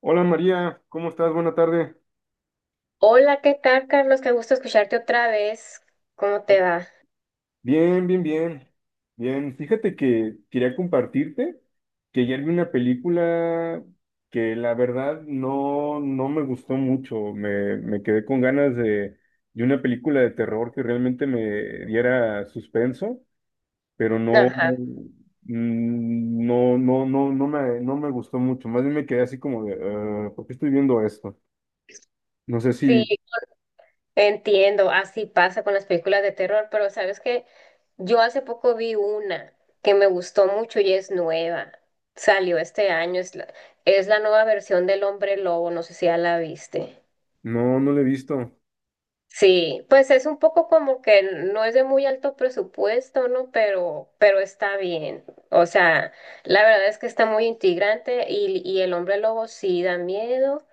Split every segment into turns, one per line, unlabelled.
Hola María, ¿cómo estás? Buena tarde.
Hola, ¿qué tal, Carlos? Qué gusto escucharte otra vez. ¿Cómo te va?
Bien, bien, bien. Bien, fíjate que quería compartirte que ayer vi una película que la verdad no, no me gustó mucho. Me quedé con ganas de una película de terror que realmente me diera suspenso, pero no,
Ajá.
no, no, no, no me gustó mucho. Más bien me quedé así como de, "Ah, ¿por qué estoy viendo esto? No sé si,
Sí, entiendo. Así pasa con las películas de terror, pero sabes que yo hace poco vi una que me gustó mucho y es nueva. Salió este año. Es la nueva versión del Hombre Lobo. No sé si ya la viste.
no, no lo he visto.
Sí, pues es un poco como que no es de muy alto presupuesto, ¿no? Pero está bien. O sea, la verdad es que está muy integrante y el hombre lobo sí da miedo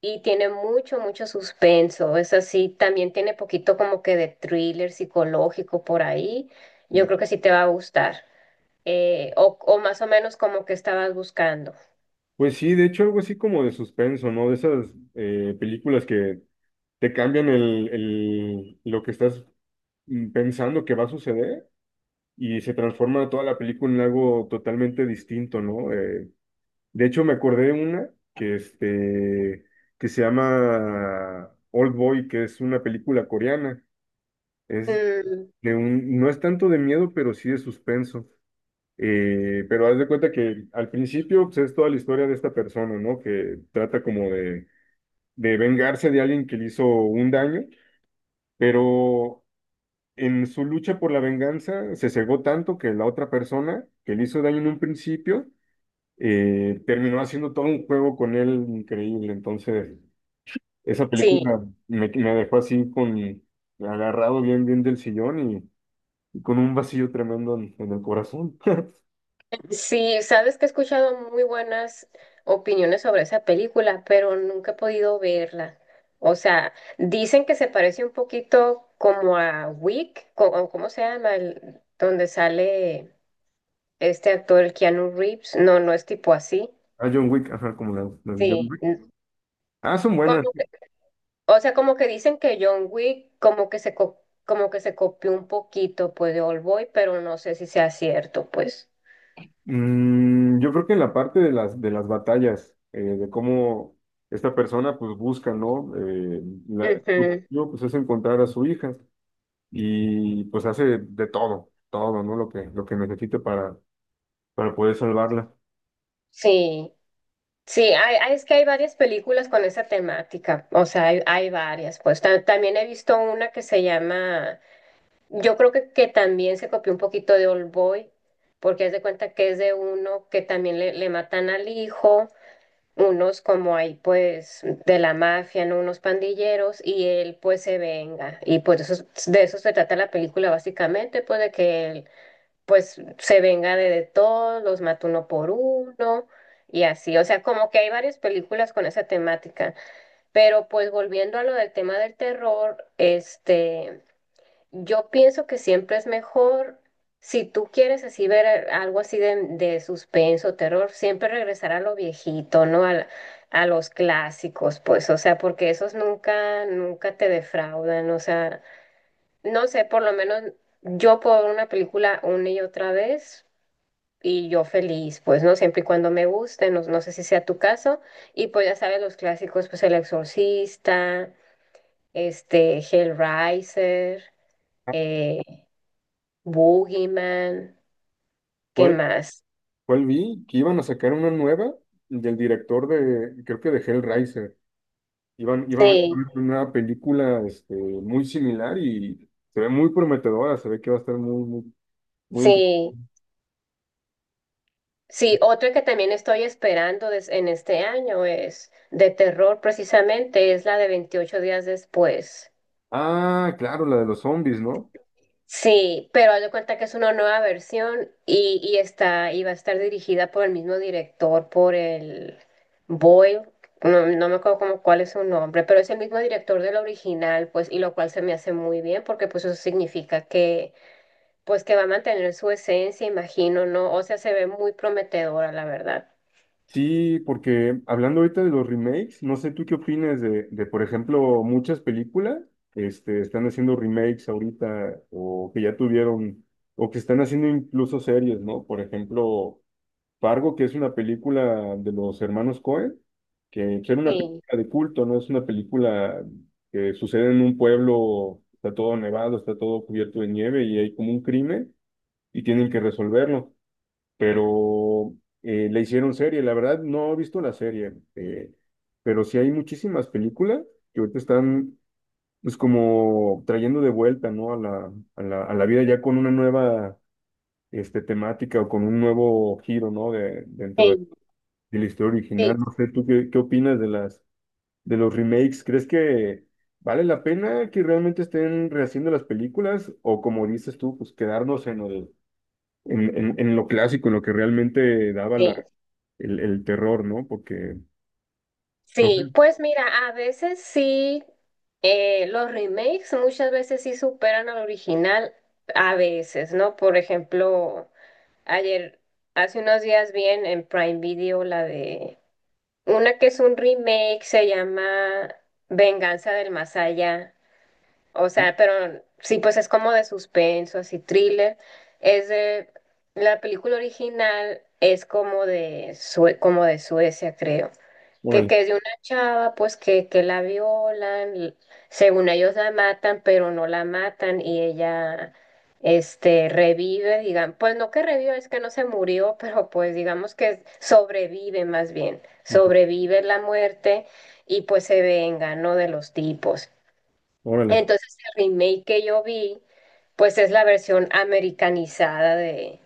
y tiene mucho suspenso. Es así, también tiene poquito como que de thriller psicológico por ahí. Yo creo que sí te va a gustar. O más o menos como que estabas buscando.
Pues sí, de hecho algo así como de suspenso, ¿no? De esas películas que te cambian lo que estás pensando que va a suceder y se transforma toda la película en algo totalmente distinto, ¿no? De hecho me acordé de una que, que se llama Old Boy, que es una película coreana. Es
Mm,
de un, no es tanto de miedo, pero sí de suspenso. Pero haz de cuenta que al principio pues, es toda la historia de esta persona, ¿no? Que trata como de vengarse de alguien que le hizo un daño, pero en su lucha por la venganza se cegó tanto que la otra persona que le hizo daño en un principio terminó haciendo todo un juego con él increíble. Entonces, esa
sí.
película me dejó así con agarrado bien, bien del sillón y con un vacío tremendo en el corazón.
Sí, sabes que he escuchado muy buenas opiniones sobre esa película, pero nunca he podido verla. O sea, dicen que se parece un poquito como a Wick, co- o cómo se llama, El- donde sale este actor, el Keanu Reeves. No, no es tipo así.
A John Wick, ajá, como la de John
Sí,
Wick.
n-
Ah, son buenas.
como que... O sea, como que dicen que John Wick como que se co- como que se copió un poquito pues de Old Boy, pero no sé si sea cierto, pues.
Mm, yo creo que en la parte de de las batallas, de cómo esta persona pues busca, ¿no? Su
Ujú.
objetivo, pues es encontrar a su hija y pues hace de todo, todo, ¿no? Lo que necesite para poder salvarla.
Sí. Sí, hay... hay... es que hay varias películas con esa temática, o sea, hay varias, pues Ta- también he visto una que se llama, yo creo que también se copió un poquito de Old Boy, porque haz de cuenta que es de uno que también le matan al hijo, unos como ahí pues de la mafia, ¿no? Unos pandilleros, y él pues se venga, y pues de eso se trata la película básicamente, pues de que pues se venga de todos, los mata uno por uno y así. O sea, como que hay varias películas con esa temática. Pero pues volviendo a lo del tema del terror, este, yo pienso que siempre es mejor, si tú quieres así ver algo así de suspenso, terror, siempre regresar a lo viejito, ¿no? A los clásicos, pues, o sea, porque esos nunca te defraudan, o sea, no sé, por lo menos yo puedo ver una película una y otra vez y yo feliz, pues, ¿no? Siempre y cuando me guste, no, no sé si sea tu caso. Y pues ya sabes, los clásicos, pues El Exorcista, este, Hellraiser,
Ah,
eh, Boogeyman, ¿qué
¿Cuál,
más?
cuál vi? Que iban a sacar una nueva del director de, creo que de Hellraiser. Iban a hacer
Sí,
una película muy similar y se ve muy prometedora, se ve que va a estar muy, muy, muy
sí, sí. Otro que también estoy esperando des- en este año es de terror, precisamente, es la de 28 días después.
Ah, claro, la de los zombies, ¿no?
Sí, pero haz de cuenta que es una nueva versión y va a estar dirigida por el mismo director, por el Boyle, no, no me acuerdo como cuál es su nombre, pero es el mismo director del original, pues, y lo cual se me hace muy bien, porque pues eso significa que, pues que va a mantener su esencia, imagino, ¿no? O sea, se ve muy prometedora, la verdad.
Sí, porque hablando ahorita de los remakes, no sé tú qué opinas de, por ejemplo, muchas películas, están haciendo remakes ahorita, o que ya tuvieron, o que están haciendo incluso series, ¿no? Por ejemplo, Fargo, que es una película de los hermanos Coen, que era una
Sí,
película de culto, ¿no? Es una película que sucede en un pueblo, está todo nevado, está todo cubierto de nieve y hay como un crimen y tienen que resolverlo. Pero le hicieron serie. La verdad, no he visto la serie, pero sí hay muchísimas películas que ahorita están, pues, como trayendo de vuelta, ¿no? A a la vida ya con una nueva, temática o con un nuevo giro, ¿no? De, dentro
sí,
de la historia
sí,
original. No sé, ¿tú qué, qué opinas de las, de los remakes? ¿Crees que vale la pena que realmente estén rehaciendo las películas o como dices tú, pues quedarnos en el en lo clásico, en lo que realmente daba
sí.
el terror, ¿no? Porque,
Sí, pues mira, a veces sí, los remakes muchas veces sí superan al original, a veces, ¿no? Por ejemplo, ayer, hace unos días vi en Prime Video la de una que es un remake, se llama Venganza del Más Allá. O sea, pero sí, pues es como de suspenso, así thriller. Es de, la película original es como de, Sue- como de Suecia, creo que,
órale,
que es de una chava, pues que la violan, y según ellos la matan, pero no la matan y ella este, revive, digan, pues no que revive, es que no se murió, pero pues digamos que sobrevive más bien, sobrevive la muerte y pues se venga, ¿no? De los tipos.
órale,
Entonces el remake que yo vi, pues es la versión americanizada de...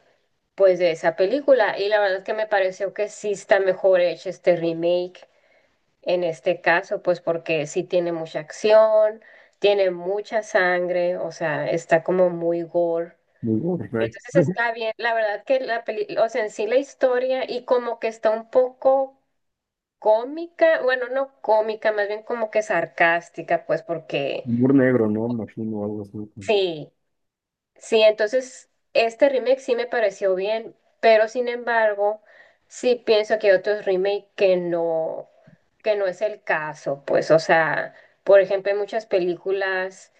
Pues de esa película, y la verdad es que me pareció que sí está mejor hecho este remake. En este caso, pues porque sí tiene mucha acción, tiene mucha sangre, o sea, está como muy gore.
muy gore, right.
Entonces está bien, la verdad que la película, o sea, en sí la historia y como que está un poco cómica, bueno, no cómica, más bien como que sarcástica, pues porque
Humor negro, ¿no? Imagino algo así.
sí. Sí, entonces este remake sí me pareció bien, pero sin embargo, sí pienso que hay otros remake que no es el caso, pues, o sea, por ejemplo, hay muchas películas,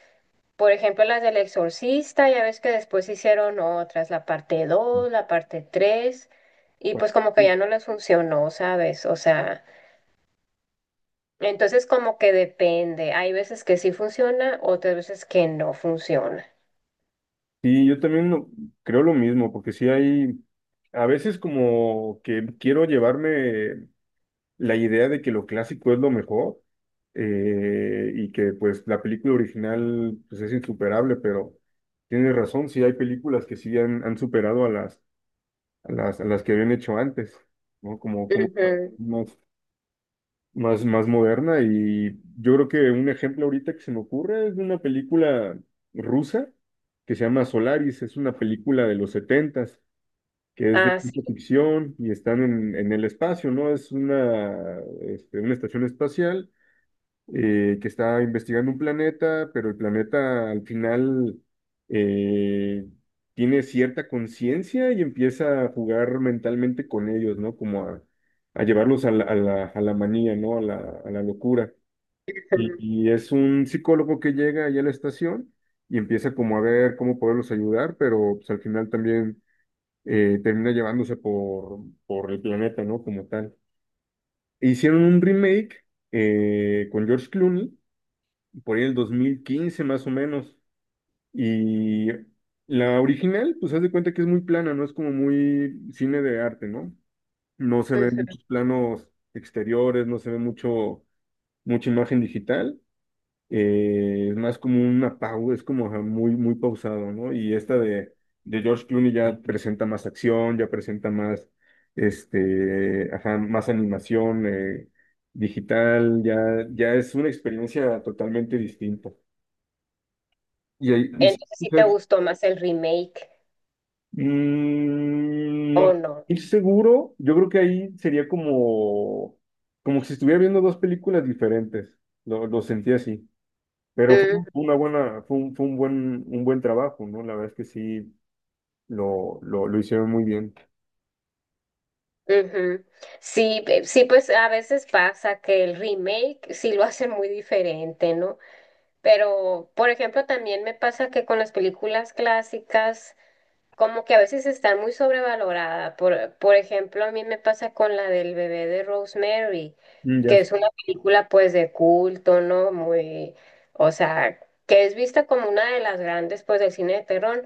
por ejemplo, las del Exorcista, ya ves que después hicieron otras, la parte 2, la parte 3, y pues como que ya no les funcionó, ¿sabes? O sea, entonces como que depende, hay veces que sí funciona, otras veces que no funciona.
Sí, yo también creo lo mismo, porque sí hay, a veces como que quiero llevarme la idea de que lo clásico es lo mejor y que pues la película original pues es insuperable, pero tienes razón, sí hay películas que sí han, han superado a las a las que habían hecho antes, ¿no? Como, como
Ujú.
más, más, más moderna. Y yo creo que un ejemplo ahorita que se me ocurre es de una película rusa que se llama Solaris, es una película de los setentas, que es de
Ah, sí.
ciencia ficción y están en el espacio, ¿no? Es una, una estación espacial que está investigando un planeta, pero el planeta al final eh, tiene cierta conciencia y empieza a jugar mentalmente con ellos, ¿no? Como a llevarlos a a la manía, ¿no? A la locura. Y es un psicólogo que llega allá a la estación y empieza como a ver cómo poderlos ayudar, pero pues al final también termina llevándose por el planeta, ¿no? Como tal. Hicieron un remake con George Clooney por ahí el 2015 más o menos. Y la original, pues haz de cuenta que es muy plana, no es como muy cine de arte, ¿no? No se ven
Ujú.
muchos planos exteriores, no se ve mucho, mucha imagen digital. Es más como un apago, es como ajá, muy, muy pausado, ¿no? Y esta de George Clooney ya presenta más acción, ya presenta más, ajá, más animación digital, ya, ya es una experiencia totalmente distinta. Y ahí, y sí,
Entonces, ¿si te
mujer,
gustó más el remake
Mm,
o
no
no?
estoy seguro. Yo creo que ahí sería como, como si estuviera viendo dos películas diferentes. Lo sentí así. Pero fue
Mm,
una buena, fue un buen trabajo, ¿no? La verdad es que sí lo hicieron muy bien.
ujú. Sí, pe- sí, pues a veces pasa que el remake sí lo hacen muy diferente, ¿no? Pero, por ejemplo, también me pasa que con las películas clásicas como que a veces está muy sobrevalorada. Por ejemplo, a mí me pasa con la del bebé de Rosemary,
Mm, ya
que
sé.
es una película pues de culto, ¿no? Muy, o sea, que es vista como una de las grandes pues del cine de terror.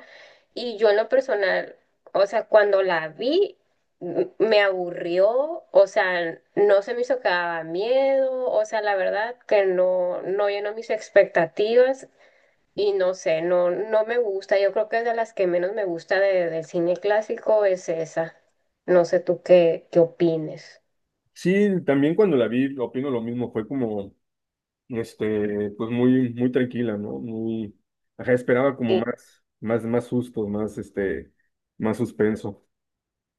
Y yo en lo personal, o sea, cuando la vi, m- me aburrió, o sea, no se me hizo que daba miedo, o sea, la verdad que no, no llenó mis expectativas y no sé, no, no me gusta. Yo creo que es de las que menos me gusta de- del cine clásico es esa. No sé tú qué, qué opines.
Sí, también cuando la vi, opino lo mismo. Fue como, pues muy, muy tranquila, ¿no? Muy, ajá, esperaba como
Sí.
más, más, más sustos, más, más suspenso.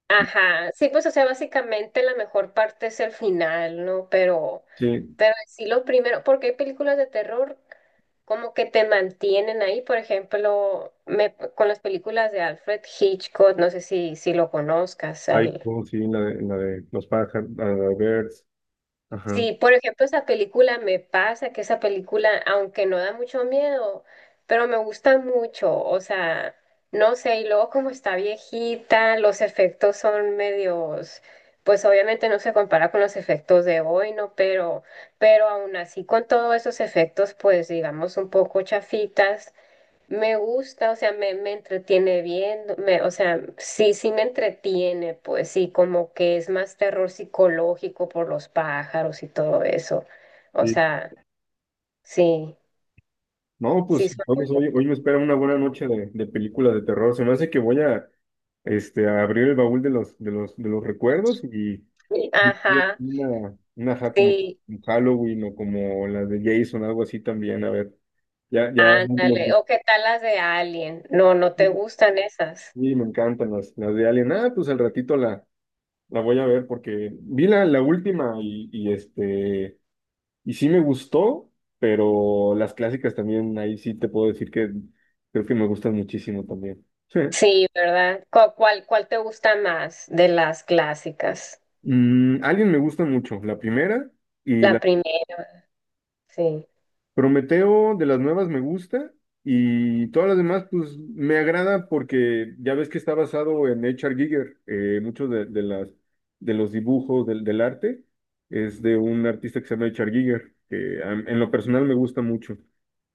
Ajá, sí, pues o sea, básicamente la mejor parte es el final, ¿no?
Sí,
Pero sí lo primero, porque hay películas de terror como que te mantienen ahí, por ejemplo, me, con las películas de Alfred Hitchcock, no sé si, si lo conozcas,
Ay,
al,
oh, sí, en la de los pájaros, la de Birds. Ajá.
sí, por ejemplo, esa película me pasa que esa película, aunque no da mucho miedo, pero me gusta mucho, o sea, no sé, y luego como está viejita, los efectos son medios, pues obviamente no se compara con los efectos de hoy, ¿no? Pero aún así con todos esos efectos, pues digamos un poco chafitas, me gusta, o sea, me entretiene viendo, me, o sea, sí, sí me entretiene, pues sí, como que es más terror psicológico por los pájaros y todo eso. O
Sí.
sea, sí,
No,
sí
pues
son muy
vamos, hoy, hoy
buenas.
me espera una buena noche de películas de terror. Se me hace que voy a, a abrir el baúl de los, de los, de los recuerdos y
Sí, Ajá,
una ajá, como
sí,
Halloween o como la de Jason, algo así también. A ver, ya, ya. No, no,
ándale.
no.
¿O qué tal las de Alien? No, no te gustan esas.
Sí, me encantan las de Alien. Ah, pues al ratito la voy a ver porque vi la última y este. Y sí me gustó, pero las clásicas también, ahí sí te puedo decir que creo que me gustan muchísimo también. Sí.
Sí, ¿verdad? ¿Cu- ¿Cuál, cuál te gusta más de las clásicas?
Mm, Alien me gusta mucho, la primera y
La
la
primera, sí.
Prometeo de las nuevas me gusta y todas las demás pues me agrada porque ya ves que está basado en H.R. Giger, muchos de las de los dibujos del, del arte es de un artista que se llama H.R. Giger, que en lo personal me gusta mucho.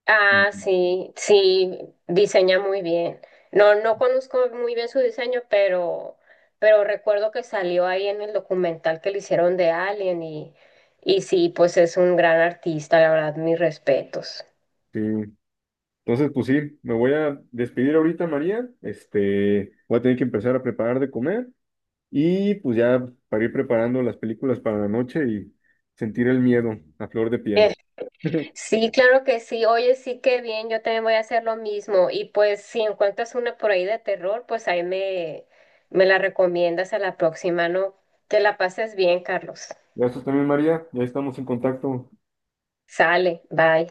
Ah,
Ujú.
sí, sí, diseña muy bien. No, no conozco muy bien su diseño, pero recuerdo que salió ahí en el documental que le hicieron de Alien y sí, pues es un gran artista, la verdad, mis respetos.
Sí. Entonces, pues sí, me voy a despedir ahorita, María. Este, voy a tener que empezar a preparar de comer y pues ya para ir preparando las películas para la noche y sentir el miedo a flor de
Eh,
piel.
sí, claro que sí. Oye, sí, qué bien, yo también voy a hacer lo mismo. Y pues si encuentras una por ahí de terror, pues ahí me, me la recomiendas a la próxima, ¿no? Que la pases bien, Carlos.
Gracias también, María. Ya estamos en contacto.
Sale, bye.